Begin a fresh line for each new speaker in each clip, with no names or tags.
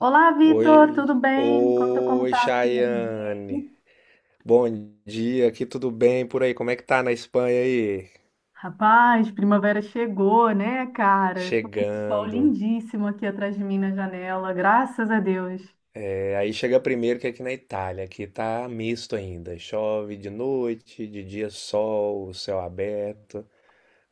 Olá, Vitor,
Oi,
tudo bem? Me conta como tá assim a vidinha
Chayane.
aí.
Bom dia, aqui tudo bem por aí? Como é que tá na Espanha aí?
Rapaz, primavera chegou, né, cara? Tô com um sol
Chegando.
lindíssimo aqui atrás de mim na janela, graças a Deus.
É, aí chega primeiro que aqui na Itália, aqui tá misto ainda. Chove de noite, de dia sol, céu aberto.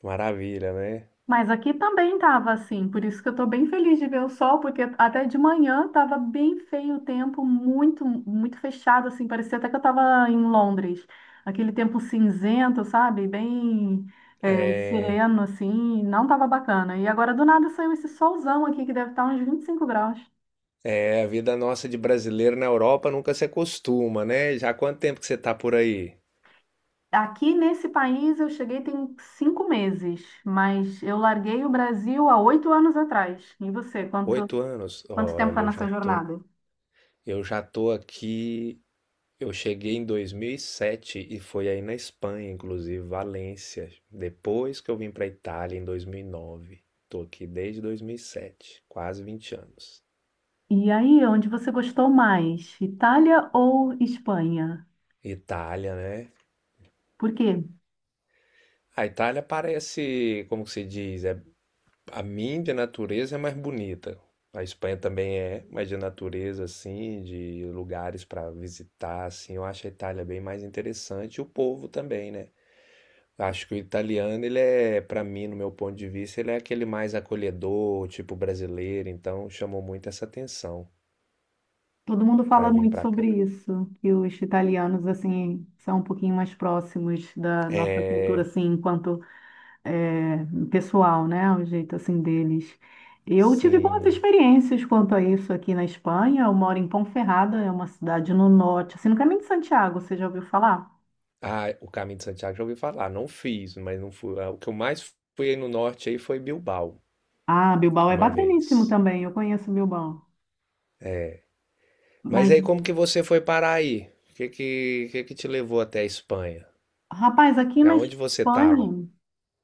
Maravilha, né?
Mas aqui também estava assim, por isso que eu estou bem feliz de ver o sol, porque até de manhã estava bem feio o tempo, muito, muito fechado, assim, parecia até que eu estava em Londres. Aquele tempo cinzento, sabe? Bem
É,
sereno, assim, não estava bacana. E agora do nada saiu esse solzão aqui, que deve estar uns 25 graus.
é, a vida nossa de brasileiro na Europa nunca se acostuma, né? Já há quanto tempo que você tá por aí?
Aqui nesse país eu cheguei tem 5 meses, mas eu larguei o Brasil há 8 anos atrás. E você,
Oito anos?
quanto tempo está
Olha, eu já
nessa
tô,
jornada?
eu já tô aqui. Eu cheguei em 2007 e foi aí na Espanha, inclusive, Valência. Depois que eu vim para Itália em 2009. Tô aqui desde 2007, quase 20 anos.
E aí, onde você gostou mais? Itália ou Espanha?
Itália, né?
Por quê?
A Itália parece, como que se diz, a mim de natureza é mais bonita. A Espanha também é, mas de natureza assim, de lugares para visitar assim, eu acho a Itália bem mais interessante e o povo também, né? Acho que o italiano, ele é, pra mim, no meu ponto de vista, ele é aquele mais acolhedor, tipo brasileiro, então chamou muito essa atenção
Todo mundo
pra
fala
vir
muito
pra cá.
sobre isso, que os italianos, assim, são um pouquinho mais próximos da nossa cultura,
É,
assim, enquanto é, pessoal, né? O jeito, assim, deles. Eu tive boas
sim.
experiências quanto a isso aqui na Espanha. Eu moro em Ponferrada, é uma cidade no norte, assim, no caminho de Santiago, você já ouviu falar?
Ah, o Caminho de Santiago já ouvi falar, não fiz, mas não fui. Ah, o que eu mais fui aí no norte aí foi Bilbao,
Ah, Bilbao é
uma
bacaníssimo
vez.
também, eu conheço Bilbao.
Mas
Mas,
aí como que você foi parar aí? Que que te levou até a Espanha?
rapaz, aqui
E
na
aonde você tava?
Espanha...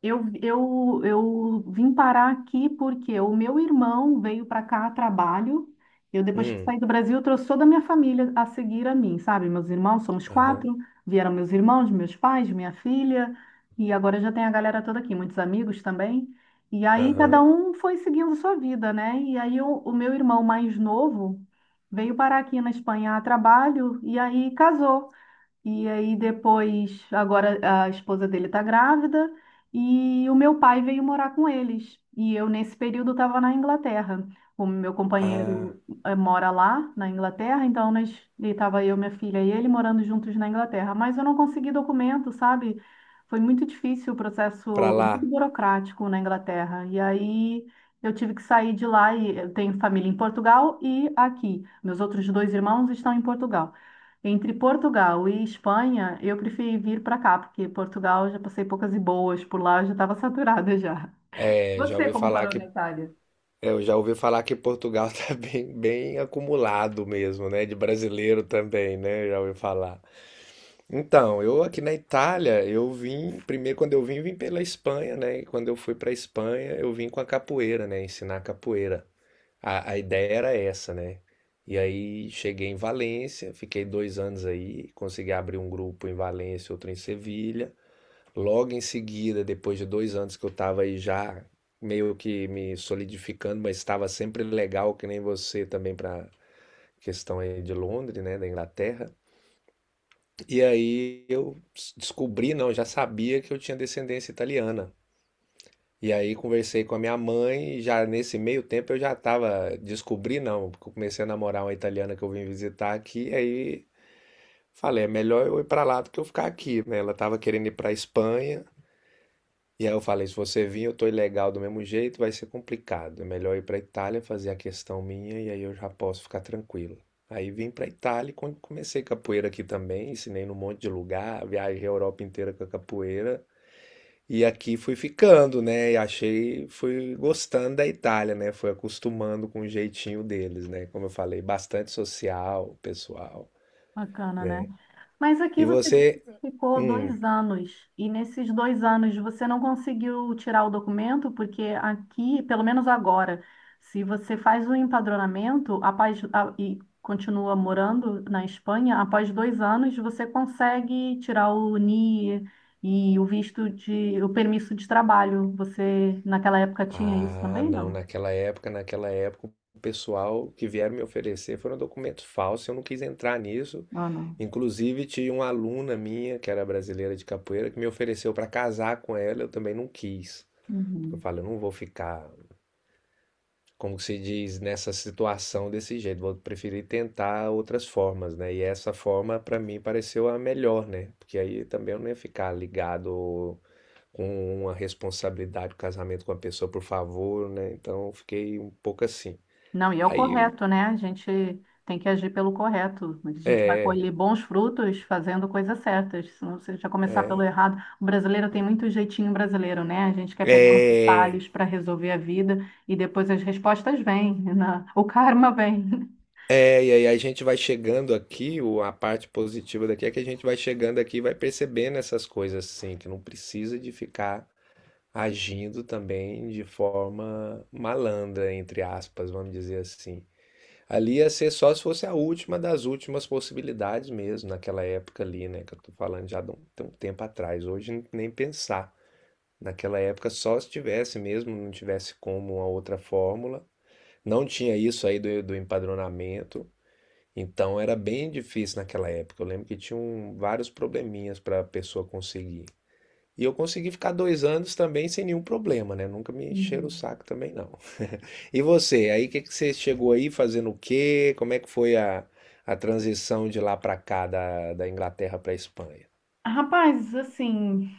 Eu vim parar aqui porque o meu irmão veio para cá a trabalho. Eu, depois que
Hum,
saí do Brasil, eu trouxe toda a minha família a seguir a mim, sabe? Meus irmãos, somos
aham,
quatro. Vieram meus irmãos, meus pais, minha filha. E agora já tem a galera toda aqui, muitos amigos também. E aí cada
aham.
um foi seguindo sua vida, né? E aí o meu irmão mais novo veio parar aqui na Espanha a trabalho e aí casou. E aí depois, agora a esposa dele está grávida e o meu pai veio morar com eles. E eu, nesse período, estava na Inglaterra. O meu
Ah,
companheiro mora lá, na Inglaterra, então estava eu, minha filha e ele morando juntos na Inglaterra. Mas eu não consegui documento, sabe? Foi muito difícil o processo,
pra
muito
lá.
burocrático na Inglaterra. E aí eu tive que sair de lá e eu tenho família em Portugal e aqui. Meus outros dois irmãos estão em Portugal. Entre Portugal e Espanha, eu preferi vir para cá, porque Portugal eu já passei poucas e boas, por lá eu já estava saturada já.
É, já
Você
ouvi
como
falar
parou
que
na Itália?
É, eu já ouvi falar que Portugal tá bem, bem acumulado mesmo, né? De brasileiro também, né? Eu já ouvi falar. Então, eu aqui na Itália, eu vim, primeiro quando eu vim, vim pela Espanha, né? E quando eu fui pra Espanha, eu vim com a capoeira, né? Ensinar capoeira. A ideia era essa, né? E aí cheguei em Valência, fiquei 2 anos aí, consegui abrir um grupo em Valência, outro em Sevilha. Logo em seguida, depois de 2 anos que eu estava aí já meio que me solidificando, mas estava sempre legal, que nem você também para questão aí de Londres, né, da Inglaterra. E aí descobri, não, já sabia que eu tinha descendência italiana. E aí conversei com a minha mãe e já nesse meio tempo eu já estava descobri, não, porque eu comecei a namorar uma italiana que eu vim visitar aqui, e aí falei, é melhor eu ir para lá do que eu ficar aqui, né? Ela estava querendo ir para Espanha. E aí eu falei, se você vir, eu tô ilegal do mesmo jeito, vai ser complicado. É melhor ir pra Itália fazer a questão minha e aí eu já posso ficar tranquilo. Aí vim pra Itália e quando comecei capoeira aqui também, ensinei num monte de lugar, viajei a Europa inteira com a capoeira. E aqui fui ficando, né? E achei, fui gostando da Itália, né? Fui acostumando com o jeitinho deles, né? Como eu falei, bastante social, pessoal,
Bacana, né?
né?
Mas aqui
E
você disse
você,
que ficou
hum,
2 anos, e nesses 2 anos você não conseguiu tirar o documento, porque aqui, pelo menos agora, se você faz o empadronamento após, e continua morando na Espanha, após 2 anos você consegue tirar o NIE e o visto de, o permisso de trabalho. Você naquela época tinha isso
ah,
também,
não,
não?
naquela época, o pessoal que vieram me oferecer foram documentos falsos, eu não quis entrar nisso.
Ah, não.
Inclusive, tinha uma aluna minha, que era brasileira de capoeira, que me ofereceu para casar com ela, eu também não quis. Eu
Uhum.
falei, eu não vou ficar, como se diz, nessa situação desse jeito, vou preferir tentar outras formas, né? E essa forma, para mim, pareceu a melhor, né? Porque aí também eu não ia ficar ligado com uma responsabilidade do casamento com a pessoa, por favor, né? Então eu fiquei um pouco assim.
Não, e é o
Aí,
correto, né? A gente tem que agir pelo correto. A gente vai colher bons frutos fazendo coisas certas. Senão, se a gente já começar pelo errado, o brasileiro tem muito jeitinho brasileiro, né? A gente quer pegar os
é,
detalhes para resolver a vida e depois as respostas vêm, né? O karma vem.
é, e aí a gente vai chegando aqui, o- a parte positiva daqui é que a gente vai chegando aqui e vai percebendo essas coisas assim, que não precisa de ficar agindo também de forma malandra, entre aspas, vamos dizer assim. Ali ia ser só se fosse a última das últimas possibilidades mesmo, naquela época ali, né, que eu tô falando já de um tempo atrás. Hoje nem pensar. Naquela época, só se tivesse mesmo, não tivesse como uma outra fórmula. Não tinha isso aí do empadronamento, então era bem difícil naquela época. Eu lembro que tinham vários probleminhas para a pessoa conseguir. E eu consegui ficar 2 anos também sem nenhum problema, né? Nunca me encheram o
Uhum.
saco também, não. E você, aí que você chegou aí fazendo o quê? Como é que foi a transição de lá para cá, da Inglaterra para a Espanha?
Rapaz, assim,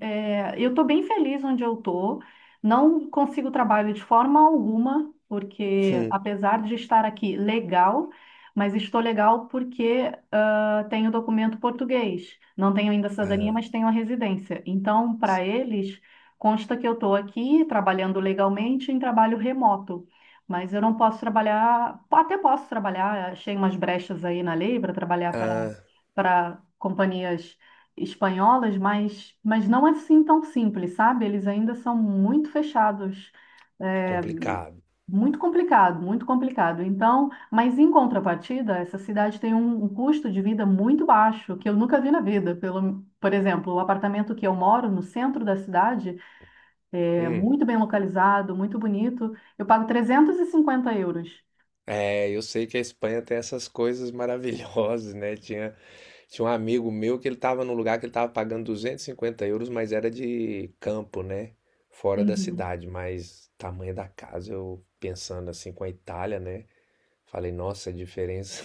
é, eu estou bem feliz onde eu estou. Não consigo trabalho de forma alguma, porque apesar de estar aqui legal, mas estou legal porque tenho documento português. Não tenho ainda cidadania,
Ah,
mas tenho a residência. Então, para eles, consta que eu estou aqui trabalhando legalmente em trabalho remoto. Mas eu não posso trabalhar, até posso trabalhar, achei umas brechas aí na lei para trabalhar
ah,
para companhias espanholas, mas não assim tão simples, sabe? Eles ainda são muito fechados, é,
complicado.
muito complicado, muito complicado. Então, mas em contrapartida, essa cidade tem um custo de vida muito baixo, que eu nunca vi na vida. Pelo, por exemplo, o apartamento que eu moro no centro da cidade é
Hum.
muito bem localizado, muito bonito. Eu pago 350 euros.
É, eu sei que a Espanha tem essas coisas maravilhosas, né? Tinha um amigo meu que ele estava num lugar que ele estava pagando 250 euros, mas era de campo, né? Fora da
Uhum.
cidade, mas tamanho da casa, eu pensando assim com a Itália, né? Falei, nossa, a diferença.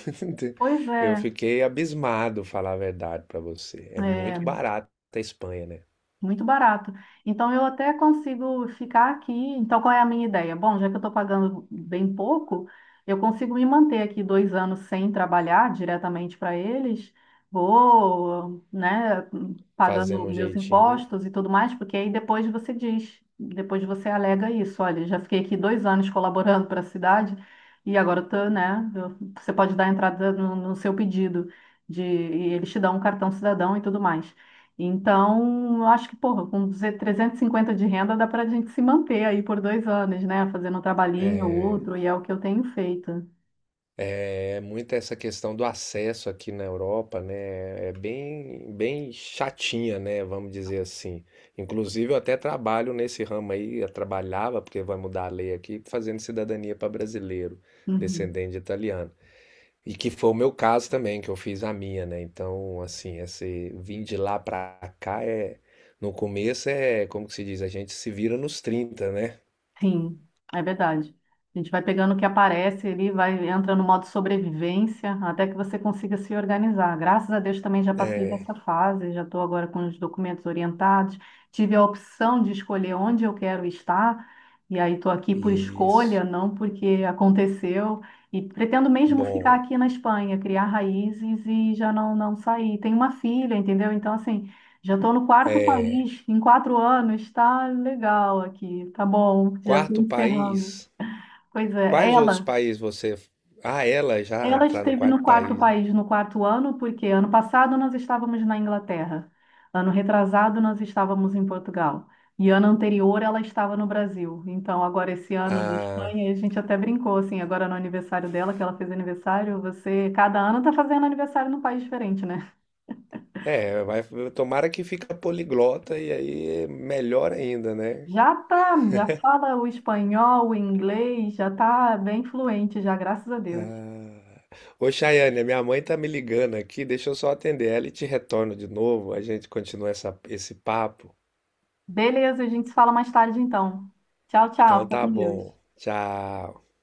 Pois
Eu
é,
fiquei abismado, falar a verdade para você. É
é,
muito barato a Espanha, né?
muito barato. Então, eu até consigo ficar aqui. Então, qual é a minha ideia? Bom, já que eu estou pagando bem pouco, eu consigo me manter aqui 2 anos sem trabalhar diretamente para eles. Vou, né, pagando
Fazendo um
meus
jeitinho.
impostos e tudo mais, porque aí depois você diz, depois você alega isso. Olha, já fiquei aqui 2 anos colaborando para a cidade e agora eu tô, né, você pode dar entrada no seu pedido de, e eles te dão um cartão cidadão e tudo mais. Então, eu acho que, porra, com 350 de renda dá pra gente se manter aí por 2 anos, né? Fazendo um trabalhinho ou
É,
outro, e é o que eu tenho feito.
é muito essa questão do acesso aqui na Europa, né? É bem, bem chatinha, né? Vamos dizer assim. Inclusive, eu até trabalho nesse ramo aí, eu trabalhava, porque vai mudar a lei aqui, fazendo cidadania para brasileiro,
Uhum.
descendente de italiano. E que foi o meu caso também, que eu fiz a minha, né? Então, assim, esse vir de lá para cá é. No começo é, como que se diz? A gente se vira nos 30, né?
Sim, é verdade. A gente vai pegando o que aparece ali, vai entrando no modo sobrevivência, até que você consiga se organizar. Graças a Deus também já passei
É,
dessa fase, já estou agora com os documentos orientados. Tive a opção de escolher onde eu quero estar, e aí estou aqui por escolha,
isso.
não porque aconteceu. E pretendo mesmo ficar
Bom.
aqui na Espanha, criar raízes e já não, não sair. Tenho uma filha, entendeu? Então, assim. Já estou no quarto
É.
país em 4 anos. Está legal aqui, tá bom, já estou
Quarto
encerrando.
país?
Pois é,
Quais outros países você. Ah, ela já
ela,
está no
esteve no
quarto
quarto
país.
país no quarto ano, porque ano passado nós estávamos na Inglaterra, ano retrasado nós estávamos em Portugal, e ano anterior ela estava no Brasil. Então, agora esse ano na
Ah,
Espanha, a gente até brincou assim, agora no aniversário dela, que ela fez aniversário, você, cada ano está fazendo aniversário num país diferente, né?
é, vai, tomara que fica poliglota e aí é melhor ainda, né?
Já tá, já fala o espanhol, o inglês, já tá bem fluente já, graças a Deus.
Ô, Chayane, a minha mãe tá me ligando aqui, deixa eu só atender ela e te retorno de novo, a gente continua essa, esse papo.
Beleza, a gente se fala mais tarde então. Tchau, tchau,
Então
fica
tá
com Deus.
bom. Tchau.